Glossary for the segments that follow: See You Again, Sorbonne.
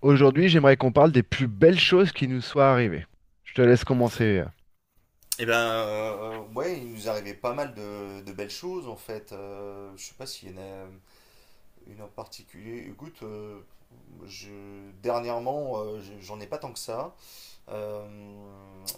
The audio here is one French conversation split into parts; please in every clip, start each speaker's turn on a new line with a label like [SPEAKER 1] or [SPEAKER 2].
[SPEAKER 1] Aujourd'hui, j'aimerais qu'on parle des plus belles choses qui nous soient arrivées. Je te laisse commencer.
[SPEAKER 2] Eh ben, ouais, il nous arrivait pas mal de belles choses en fait. Je sais pas s'il y en a une en particulier. Écoute, dernièrement, j'en ai pas tant que ça. Euh,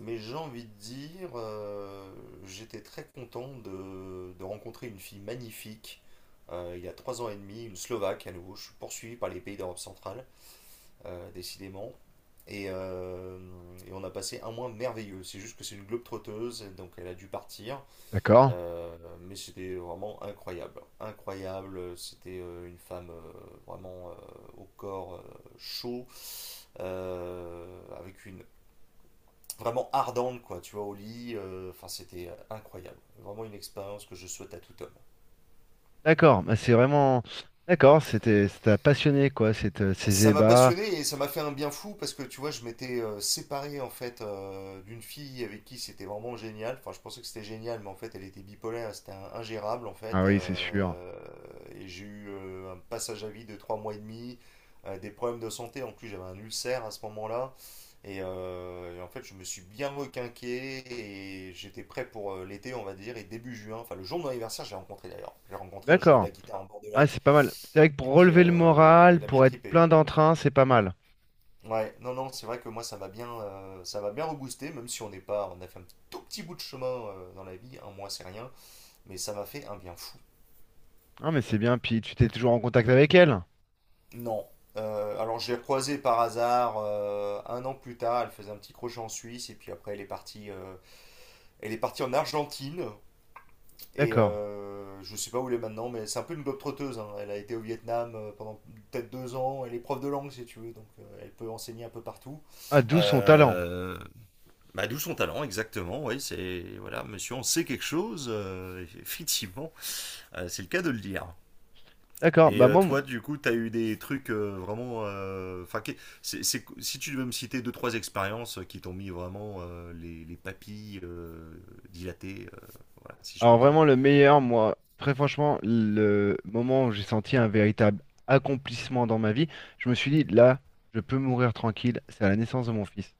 [SPEAKER 2] mais j'ai envie de dire, j'étais très content de rencontrer une fille magnifique, il y a 3 ans et demi, une Slovaque à nouveau. Je suis poursuivi par les pays d'Europe centrale, décidément. Et, euh, et on a passé un mois merveilleux. C'est juste que c'est une globe trotteuse, donc elle a dû partir.
[SPEAKER 1] D'accord?
[SPEAKER 2] Euh, mais c'était vraiment incroyable. Incroyable. C'était une femme vraiment au corps chaud, avec une vraiment ardente, quoi, tu vois, au lit. Enfin, c'était incroyable. Vraiment une expérience que je souhaite à tout homme.
[SPEAKER 1] D'accord, bah c'est vraiment... D'accord, c'était, ça t'a passionné, quoi, cette, ces
[SPEAKER 2] Ça m'a
[SPEAKER 1] ébats.
[SPEAKER 2] passionné et ça m'a fait un bien fou parce que tu vois, je m'étais séparé en fait d'une fille avec qui c'était vraiment génial. Enfin, je pensais que c'était génial, mais en fait, elle était bipolaire, c'était ingérable en fait.
[SPEAKER 1] Ah oui, c'est sûr.
[SPEAKER 2] Et j'ai eu un passage à vide de 3 mois et demi, des problèmes de santé. En plus, j'avais un ulcère à ce moment-là. Et en fait, je me suis bien requinqué et j'étais prêt pour l'été, on va dire. Et début juin, enfin, le jour de mon anniversaire, j'ai rencontré d'ailleurs. J'ai rencontré, je jouais de
[SPEAKER 1] D'accord.
[SPEAKER 2] la guitare en bord de
[SPEAKER 1] Ah, c'est
[SPEAKER 2] lac.
[SPEAKER 1] pas mal. C'est vrai que pour
[SPEAKER 2] Et puis,
[SPEAKER 1] relever le
[SPEAKER 2] euh, il
[SPEAKER 1] moral,
[SPEAKER 2] a bien
[SPEAKER 1] pour être
[SPEAKER 2] trippé.
[SPEAKER 1] plein d'entrain, c'est pas mal.
[SPEAKER 2] Ouais, non, non, c'est vrai que moi ça va bien reboosté, même si on n'est pas, on a fait un tout petit bout de chemin dans la vie, un mois c'est rien, mais ça m'a fait un bien fou.
[SPEAKER 1] Ah, mais c'est bien, puis tu t'es toujours en contact avec elle.
[SPEAKER 2] Non. Alors je l'ai recroisée par hasard un an plus tard, elle faisait un petit crochet en Suisse et puis après elle est partie en Argentine
[SPEAKER 1] D'accord.
[SPEAKER 2] je sais pas où elle est maintenant, mais c'est un peu une globe-trotteuse, hein. Elle a été au Vietnam pendant peut-être 2 ans, elle est prof de langue si tu veux, donc elle peut enseigner un peu partout.
[SPEAKER 1] Ah, d'où son talent.
[SPEAKER 2] Euh, Bah, d'où son talent, exactement. Oui, c'est voilà, monsieur, on sait quelque chose, effectivement. C'est le cas de le dire.
[SPEAKER 1] D'accord,
[SPEAKER 2] Et
[SPEAKER 1] bah
[SPEAKER 2] euh,
[SPEAKER 1] moi, mon...
[SPEAKER 2] toi, du coup, t'as eu des trucs vraiment. Enfin, si tu devais me citer deux trois expériences qui t'ont mis vraiment les papilles dilatées, voilà, si je
[SPEAKER 1] Alors
[SPEAKER 2] puis dire.
[SPEAKER 1] vraiment le meilleur, moi, très franchement, le moment où j'ai senti un véritable accomplissement dans ma vie, je me suis dit, là, je peux mourir tranquille, c'est à la naissance de mon fils,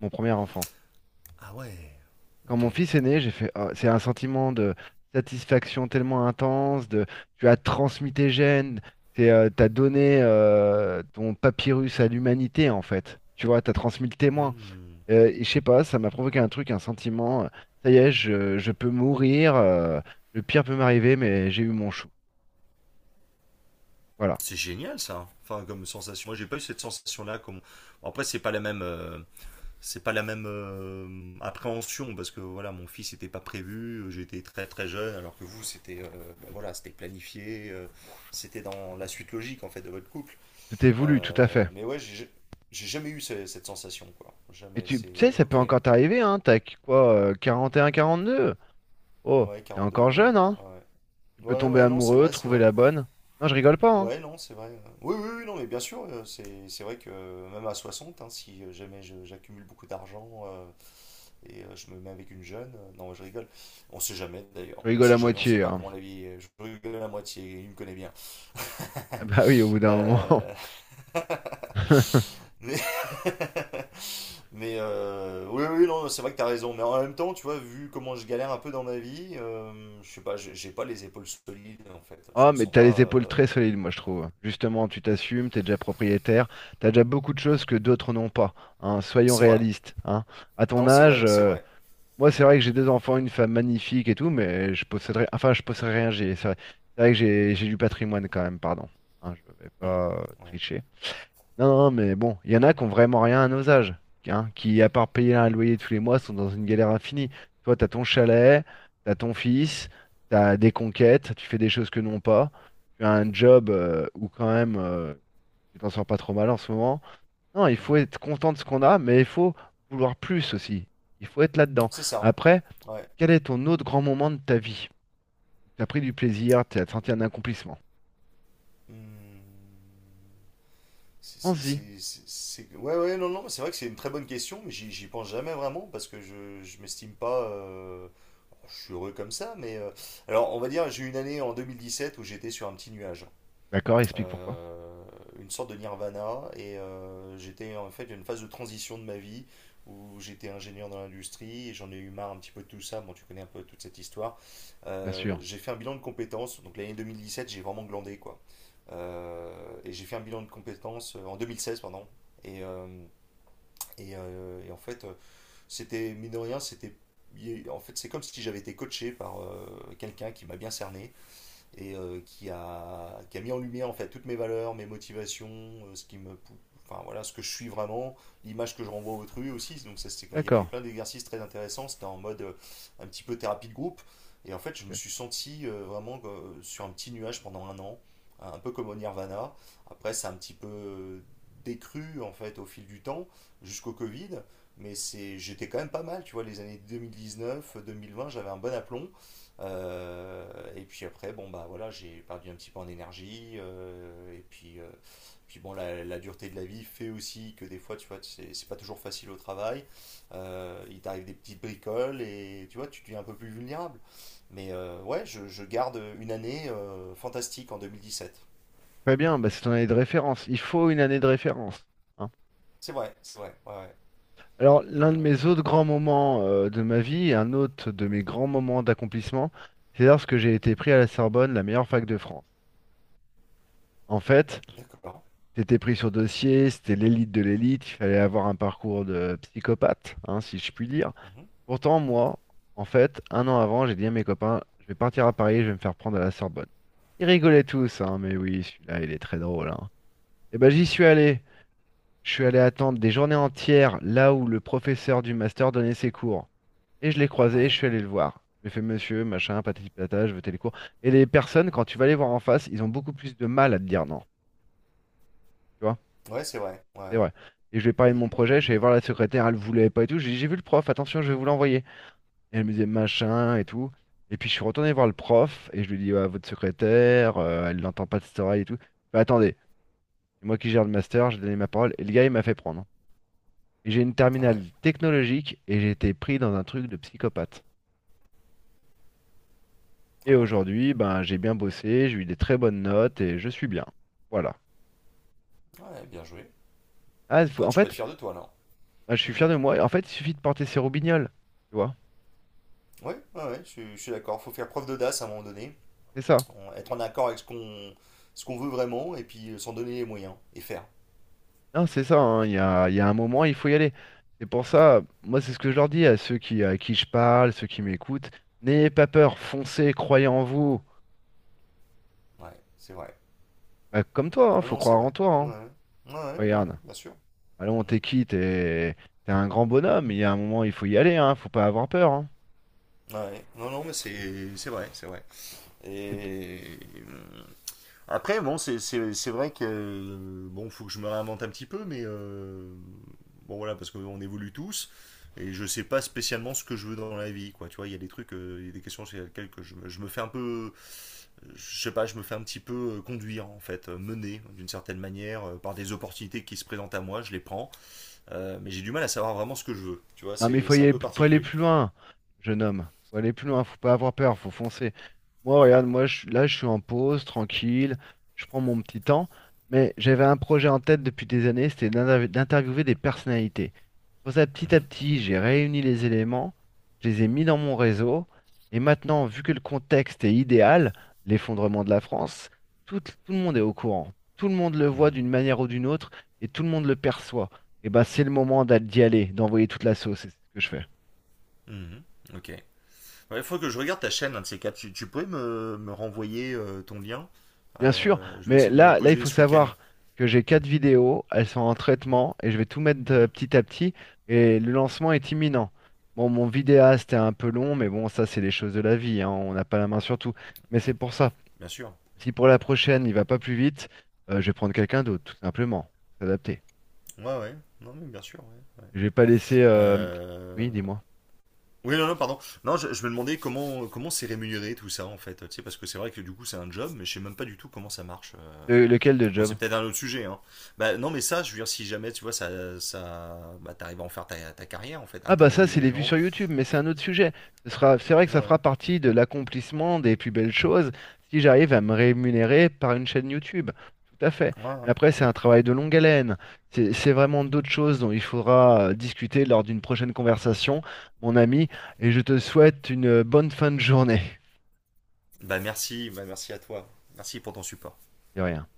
[SPEAKER 1] mon premier enfant.
[SPEAKER 2] Ah ouais.
[SPEAKER 1] Quand
[SPEAKER 2] Ok.
[SPEAKER 1] mon fils est né, j'ai fait, ah, c'est un sentiment de satisfaction tellement intense, de, tu as transmis tes gènes, c'est, t'as donné ton papyrus à l'humanité en fait. Tu vois, t'as transmis le témoin.
[SPEAKER 2] Hmm.
[SPEAKER 1] Et je sais pas, ça m'a provoqué un truc, un sentiment. Ça y est, je peux mourir. Le pire peut m'arriver, mais j'ai eu mon chou. Voilà.
[SPEAKER 2] C'est génial ça. Enfin, comme sensation. Moi, j'ai pas eu cette sensation-là. Comme... Bon, après, c'est pas la même. C'est pas la même appréhension parce que voilà, mon fils n'était pas prévu, j'étais très très jeune, alors que vous c'était ben voilà, c'était planifié c'était dans la suite logique en fait de votre couple.
[SPEAKER 1] C'était voulu, tout à fait.
[SPEAKER 2] Mais ouais, j'ai jamais eu cette sensation, quoi,
[SPEAKER 1] Et
[SPEAKER 2] jamais.
[SPEAKER 1] tu
[SPEAKER 2] C'est
[SPEAKER 1] tu sais, ça peut
[SPEAKER 2] ok.
[SPEAKER 1] encore t'arriver, hein. T'as quoi, 42? Oh,
[SPEAKER 2] Ouais,
[SPEAKER 1] t'es
[SPEAKER 2] 42,
[SPEAKER 1] encore
[SPEAKER 2] ouais,
[SPEAKER 1] jeune, hein.
[SPEAKER 2] ouais, ouais.
[SPEAKER 1] Tu peux
[SPEAKER 2] Ouais,
[SPEAKER 1] tomber
[SPEAKER 2] ouais, non, c'est
[SPEAKER 1] amoureux,
[SPEAKER 2] vrai, c'est
[SPEAKER 1] trouver
[SPEAKER 2] vrai.
[SPEAKER 1] la bonne. Non, je rigole pas, hein.
[SPEAKER 2] Ouais, non, c'est vrai. Oui, oui, oui, non, mais bien sûr, c'est vrai que même à 60, hein, si jamais j'accumule beaucoup d'argent , et je me mets avec une jeune. Non, je rigole. On sait jamais d'ailleurs.
[SPEAKER 1] Je
[SPEAKER 2] On
[SPEAKER 1] rigole à
[SPEAKER 2] sait jamais. On sait
[SPEAKER 1] moitié,
[SPEAKER 2] pas
[SPEAKER 1] hein.
[SPEAKER 2] comment la vie est. Je rigole à moitié. Il me connaît bien.
[SPEAKER 1] Bah oui, au bout d'un moment.
[SPEAKER 2] Euh, Mais, mais, oui, oui, non, c'est vrai que t'as raison. Mais en même temps, tu vois, vu comment je galère un peu dans ma vie, je sais pas, j'ai pas les épaules solides en fait. Je
[SPEAKER 1] Oh
[SPEAKER 2] me
[SPEAKER 1] mais
[SPEAKER 2] sens
[SPEAKER 1] t'as les
[SPEAKER 2] pas,
[SPEAKER 1] épaules très solides, moi je
[SPEAKER 2] pardon.
[SPEAKER 1] trouve. Justement, tu t'assumes, t'es déjà propriétaire, t'as déjà beaucoup de choses que d'autres n'ont pas. Hein, soyons
[SPEAKER 2] C'est vrai.
[SPEAKER 1] réalistes. Hein. À ton
[SPEAKER 2] Non, c'est vrai,
[SPEAKER 1] âge,
[SPEAKER 2] c'est vrai.
[SPEAKER 1] moi c'est vrai que j'ai deux enfants, une femme magnifique et tout, mais je posséderais, enfin je posséderais rien. C'est vrai que j'ai du patrimoine quand même, pardon. Hein, je vais
[SPEAKER 2] Hmm.
[SPEAKER 1] pas
[SPEAKER 2] Ouais.
[SPEAKER 1] tricher. Non, non, mais bon, il y en a qui ont vraiment rien à nos âges, hein, qui, à part payer un loyer tous les mois, sont dans une galère infinie. Toi, t'as ton chalet, t'as ton fils, t'as des conquêtes, tu fais des choses que non pas, tu as un job où quand même tu t'en sors pas trop mal en ce moment. Non, il faut
[SPEAKER 2] Hmm.
[SPEAKER 1] être content de ce qu'on a, mais il faut vouloir plus aussi. Il faut être là-dedans.
[SPEAKER 2] C'est ça.
[SPEAKER 1] Après,
[SPEAKER 2] Ouais.
[SPEAKER 1] quel est ton autre grand moment de ta vie? T'as pris du plaisir, t'as senti un accomplissement.
[SPEAKER 2] Hmm.
[SPEAKER 1] Pense-y.
[SPEAKER 2] Ouais, ouais, non, non, c'est vrai que c'est une très bonne question, mais j'y pense jamais vraiment parce que je m'estime pas. Je suis heureux comme ça, mais. Alors, on va dire, j'ai eu une année en 2017 où j'étais sur un petit nuage
[SPEAKER 1] D'accord, explique pourquoi.
[SPEAKER 2] euh, une sorte de nirvana. Et j'étais en fait une phase de transition de ma vie où j'étais ingénieur dans l'industrie et j'en ai eu marre un petit peu de tout ça. Bon, tu connais un peu toute cette histoire.
[SPEAKER 1] Bien sûr.
[SPEAKER 2] J'ai fait un bilan de compétences. Donc l'année 2017, j'ai vraiment glandé quoi. Euh, et j'ai fait un bilan de compétences en 2016, pardon. Et, euh, et en fait, c'était, mine de rien, c'était. En fait, c'est comme si j'avais été coaché par quelqu'un qui m'a bien cerné et qui a mis en lumière en fait toutes mes valeurs, mes motivations, enfin voilà, ce que je suis vraiment, l'image que je renvoie à autrui aussi. Donc ça, c'était, il y avait
[SPEAKER 1] D'accord.
[SPEAKER 2] plein d'exercices très intéressants. C'était en mode un petit peu thérapie de groupe. Et en fait, je me
[SPEAKER 1] Ok.
[SPEAKER 2] suis senti vraiment sur un petit nuage pendant un an, un peu comme au Nirvana. Après, c'est un petit peu décru en fait au fil du temps, jusqu'au Covid. Mais j'étais quand même pas mal, tu vois, les années 2019, 2020, j'avais un bon aplomb. Euh, et puis après, bon bah voilà, j'ai perdu un petit peu en énergie. Puis bon, la dureté de la vie fait aussi que des fois, tu vois, c'est pas toujours facile au travail. Il t'arrive des petites bricoles et tu vois, tu deviens un peu plus vulnérable. Mais ouais, je garde une année fantastique en 2017.
[SPEAKER 1] Très bien, bah, c'est ton année de référence. Il faut une année de référence. Hein.
[SPEAKER 2] C'est vrai, ouais, ouais.
[SPEAKER 1] Alors,
[SPEAKER 2] Et
[SPEAKER 1] l'un de
[SPEAKER 2] euh,
[SPEAKER 1] mes autres grands moments de ma vie, un autre de mes grands moments d'accomplissement, c'est lorsque j'ai été pris à la
[SPEAKER 2] mhm,
[SPEAKER 1] Sorbonne, la meilleure fac de France. En fait,
[SPEAKER 2] d'accord.
[SPEAKER 1] c'était pris sur dossier, c'était l'élite de l'élite, il fallait avoir un parcours de psychopathe, hein, si je puis dire.
[SPEAKER 2] Mhm,
[SPEAKER 1] Pourtant, moi, en fait, un an avant, j'ai dit à mes copains, je vais partir à Paris, je vais me faire prendre à la Sorbonne. Ils rigolaient tous, hein, mais oui, celui-là, il est très drôle, hein. Et ben, j'y
[SPEAKER 2] mhm,
[SPEAKER 1] suis allé. Je suis allé attendre des journées entières là où le professeur du master donnait ses cours. Et je l'ai croisé, et je
[SPEAKER 2] ouais,
[SPEAKER 1] suis allé le voir. Je lui fait monsieur, machin, patati patata, je veux les cours. Et les personnes, quand tu vas les voir en face, ils ont beaucoup plus de mal à te dire non. Tu vois,
[SPEAKER 2] ouais, c'est vrai,
[SPEAKER 1] c'est
[SPEAKER 2] ouais.
[SPEAKER 1] vrai. Et je lui ai parlé de mon projet, je suis allé
[SPEAKER 2] Et
[SPEAKER 1] voir la secrétaire, elle voulait pas et tout. J'ai dit, j'ai vu le prof, attention, je vais vous l'envoyer. Et elle me disait machin et tout. Et puis je suis retourné voir le prof et je lui ai dit, ouais, votre secrétaire, elle n'entend pas de cette oreille et tout. Bah, attendez, c'est moi qui gère le master, j'ai donné ma parole. Et le gars, il m'a fait prendre. J'ai une
[SPEAKER 2] ah ouais,
[SPEAKER 1] terminale technologique et j'ai été pris dans un truc de psychopathe. Et
[SPEAKER 2] ah ouais,
[SPEAKER 1] aujourd'hui, ben, j'ai bien bossé, j'ai eu des très bonnes notes et je suis bien. Voilà.
[SPEAKER 2] ouais, bien joué.
[SPEAKER 1] Ah,
[SPEAKER 2] Ouais, tu peux être fier de toi là.
[SPEAKER 1] moi, je
[SPEAKER 2] Oui,
[SPEAKER 1] suis fier de moi. En fait, il suffit de porter ses roubignoles. Tu vois?
[SPEAKER 2] ouais, ouais, ouais, je suis d'accord. Faut faire preuve d'audace à un moment donné,
[SPEAKER 1] C'est ça.
[SPEAKER 2] être en accord avec ce qu'on veut vraiment et puis s'en donner les moyens et faire.
[SPEAKER 1] Non, c'est ça. Hein, il y a, il y a un moment,
[SPEAKER 2] Ouais,
[SPEAKER 1] il faut y aller. C'est pour ça, moi, c'est ce que je leur dis à ceux qui, à qui je parle, ceux qui m'écoutent. N'ayez pas peur, foncez, croyez en vous.
[SPEAKER 2] ouais, c'est vrai.
[SPEAKER 1] Bah, comme toi, hein,
[SPEAKER 2] Ah
[SPEAKER 1] faut
[SPEAKER 2] non, c'est
[SPEAKER 1] croire en
[SPEAKER 2] vrai.
[SPEAKER 1] toi.
[SPEAKER 2] Ouais,
[SPEAKER 1] Hein.
[SPEAKER 2] ouais, ouais, ouais,
[SPEAKER 1] Regarde.
[SPEAKER 2] bien sûr. Mhm.
[SPEAKER 1] Allons, t'es qui? T'es un grand bonhomme. Il y a un moment, il faut y aller. Hein, faut pas avoir peur. Hein.
[SPEAKER 2] Ouais, non, non, mais c'est vrai, c'est vrai.
[SPEAKER 1] C'est...
[SPEAKER 2] Et mmh. Après, bon, c'est vrai que bon, faut que je me réinvente un petit peu, mais bon voilà, parce qu'on évolue tous et je sais pas spécialement ce que je veux dans la vie, quoi. Tu vois, il y a des questions sur lesquelles que je me fais un peu, je sais pas, je me fais un petit peu conduire en fait, mener d'une certaine manière par des opportunités qui se présentent à moi, je les prends, mais j'ai du mal à savoir vraiment ce que je veux. Tu vois,
[SPEAKER 1] Non, mais il
[SPEAKER 2] c'est
[SPEAKER 1] faut y
[SPEAKER 2] c'est un
[SPEAKER 1] aller,
[SPEAKER 2] peu
[SPEAKER 1] faut aller
[SPEAKER 2] particulier.
[SPEAKER 1] plus loin, jeune homme. Faut aller plus loin, faut pas avoir peur, faut foncer. Moi, regarde, moi, je, là, je suis en pause, tranquille, je prends mon petit temps. Mais j'avais un projet en tête depuis des années, c'était d'interviewer des personnalités. Pour ça, petit à
[SPEAKER 2] Mhm,
[SPEAKER 1] petit, j'ai réuni les éléments, je les ai mis dans mon réseau, et maintenant, vu que le contexte est idéal, l'effondrement de la France, tout, tout le monde est au courant. Tout le monde le voit
[SPEAKER 2] mhm,
[SPEAKER 1] d'une manière ou d'une autre, et tout le monde le perçoit. Et ben c'est le moment d'y aller, d'envoyer toute la sauce, et c'est ce que je fais.
[SPEAKER 2] mhm, ok. Il faut que je regarde ta chaîne, un de ces quatre. Tu pourrais me renvoyer ton lien.
[SPEAKER 1] Bien sûr,
[SPEAKER 2] Je vais
[SPEAKER 1] mais
[SPEAKER 2] essayer de me
[SPEAKER 1] là, il
[SPEAKER 2] poser
[SPEAKER 1] faut
[SPEAKER 2] ce week-end.
[SPEAKER 1] savoir que j'ai quatre vidéos, elles sont en
[SPEAKER 2] Mhm,
[SPEAKER 1] traitement, et je vais tout mettre
[SPEAKER 2] mhm.
[SPEAKER 1] petit à petit, et le lancement est imminent. Bon, mon vidéaste est un peu long, mais bon, ça, c'est les choses de la vie, hein, on n'a pas la main sur tout. Mais c'est pour ça.
[SPEAKER 2] Bien sûr.
[SPEAKER 1] Si pour la prochaine, il va pas plus vite, je vais prendre quelqu'un d'autre, tout simplement. Faut s'adapter.
[SPEAKER 2] Ouais, ouais. Non, mais bien sûr. Ouais, ouais.
[SPEAKER 1] Je vais pas laisser...
[SPEAKER 2] Euh,
[SPEAKER 1] Oui, dis-moi.
[SPEAKER 2] Oui, non, non, pardon. Non, je me demandais comment c'est rémunéré tout ça, en fait. Tu sais, parce que c'est vrai que du coup, c'est un job, mais je sais même pas du tout comment ça marche.
[SPEAKER 1] Lequel de
[SPEAKER 2] Bon,
[SPEAKER 1] job?
[SPEAKER 2] c'est peut-être un autre sujet, hein. Bah, non, mais ça, je veux dire, si jamais, tu vois, ça, bah, t'arrives à en faire ta carrière, en fait,
[SPEAKER 1] Ah bah ça,
[SPEAKER 2] interviewer
[SPEAKER 1] c'est
[SPEAKER 2] des
[SPEAKER 1] les vues
[SPEAKER 2] gens.
[SPEAKER 1] sur YouTube, mais c'est un autre sujet. Ce sera, c'est vrai que ça
[SPEAKER 2] Ouais.
[SPEAKER 1] fera partie de l'accomplissement des plus belles choses si j'arrive à me rémunérer par une chaîne YouTube. Tout à fait.
[SPEAKER 2] Ouais,
[SPEAKER 1] Mais
[SPEAKER 2] ouais.
[SPEAKER 1] après, c'est un travail de longue haleine. C'est vraiment d'autres choses dont il faudra discuter lors d'une prochaine conversation, mon ami, et je te souhaite une bonne fin de journée.
[SPEAKER 2] Bah, merci à toi. Merci pour ton support.
[SPEAKER 1] De rien.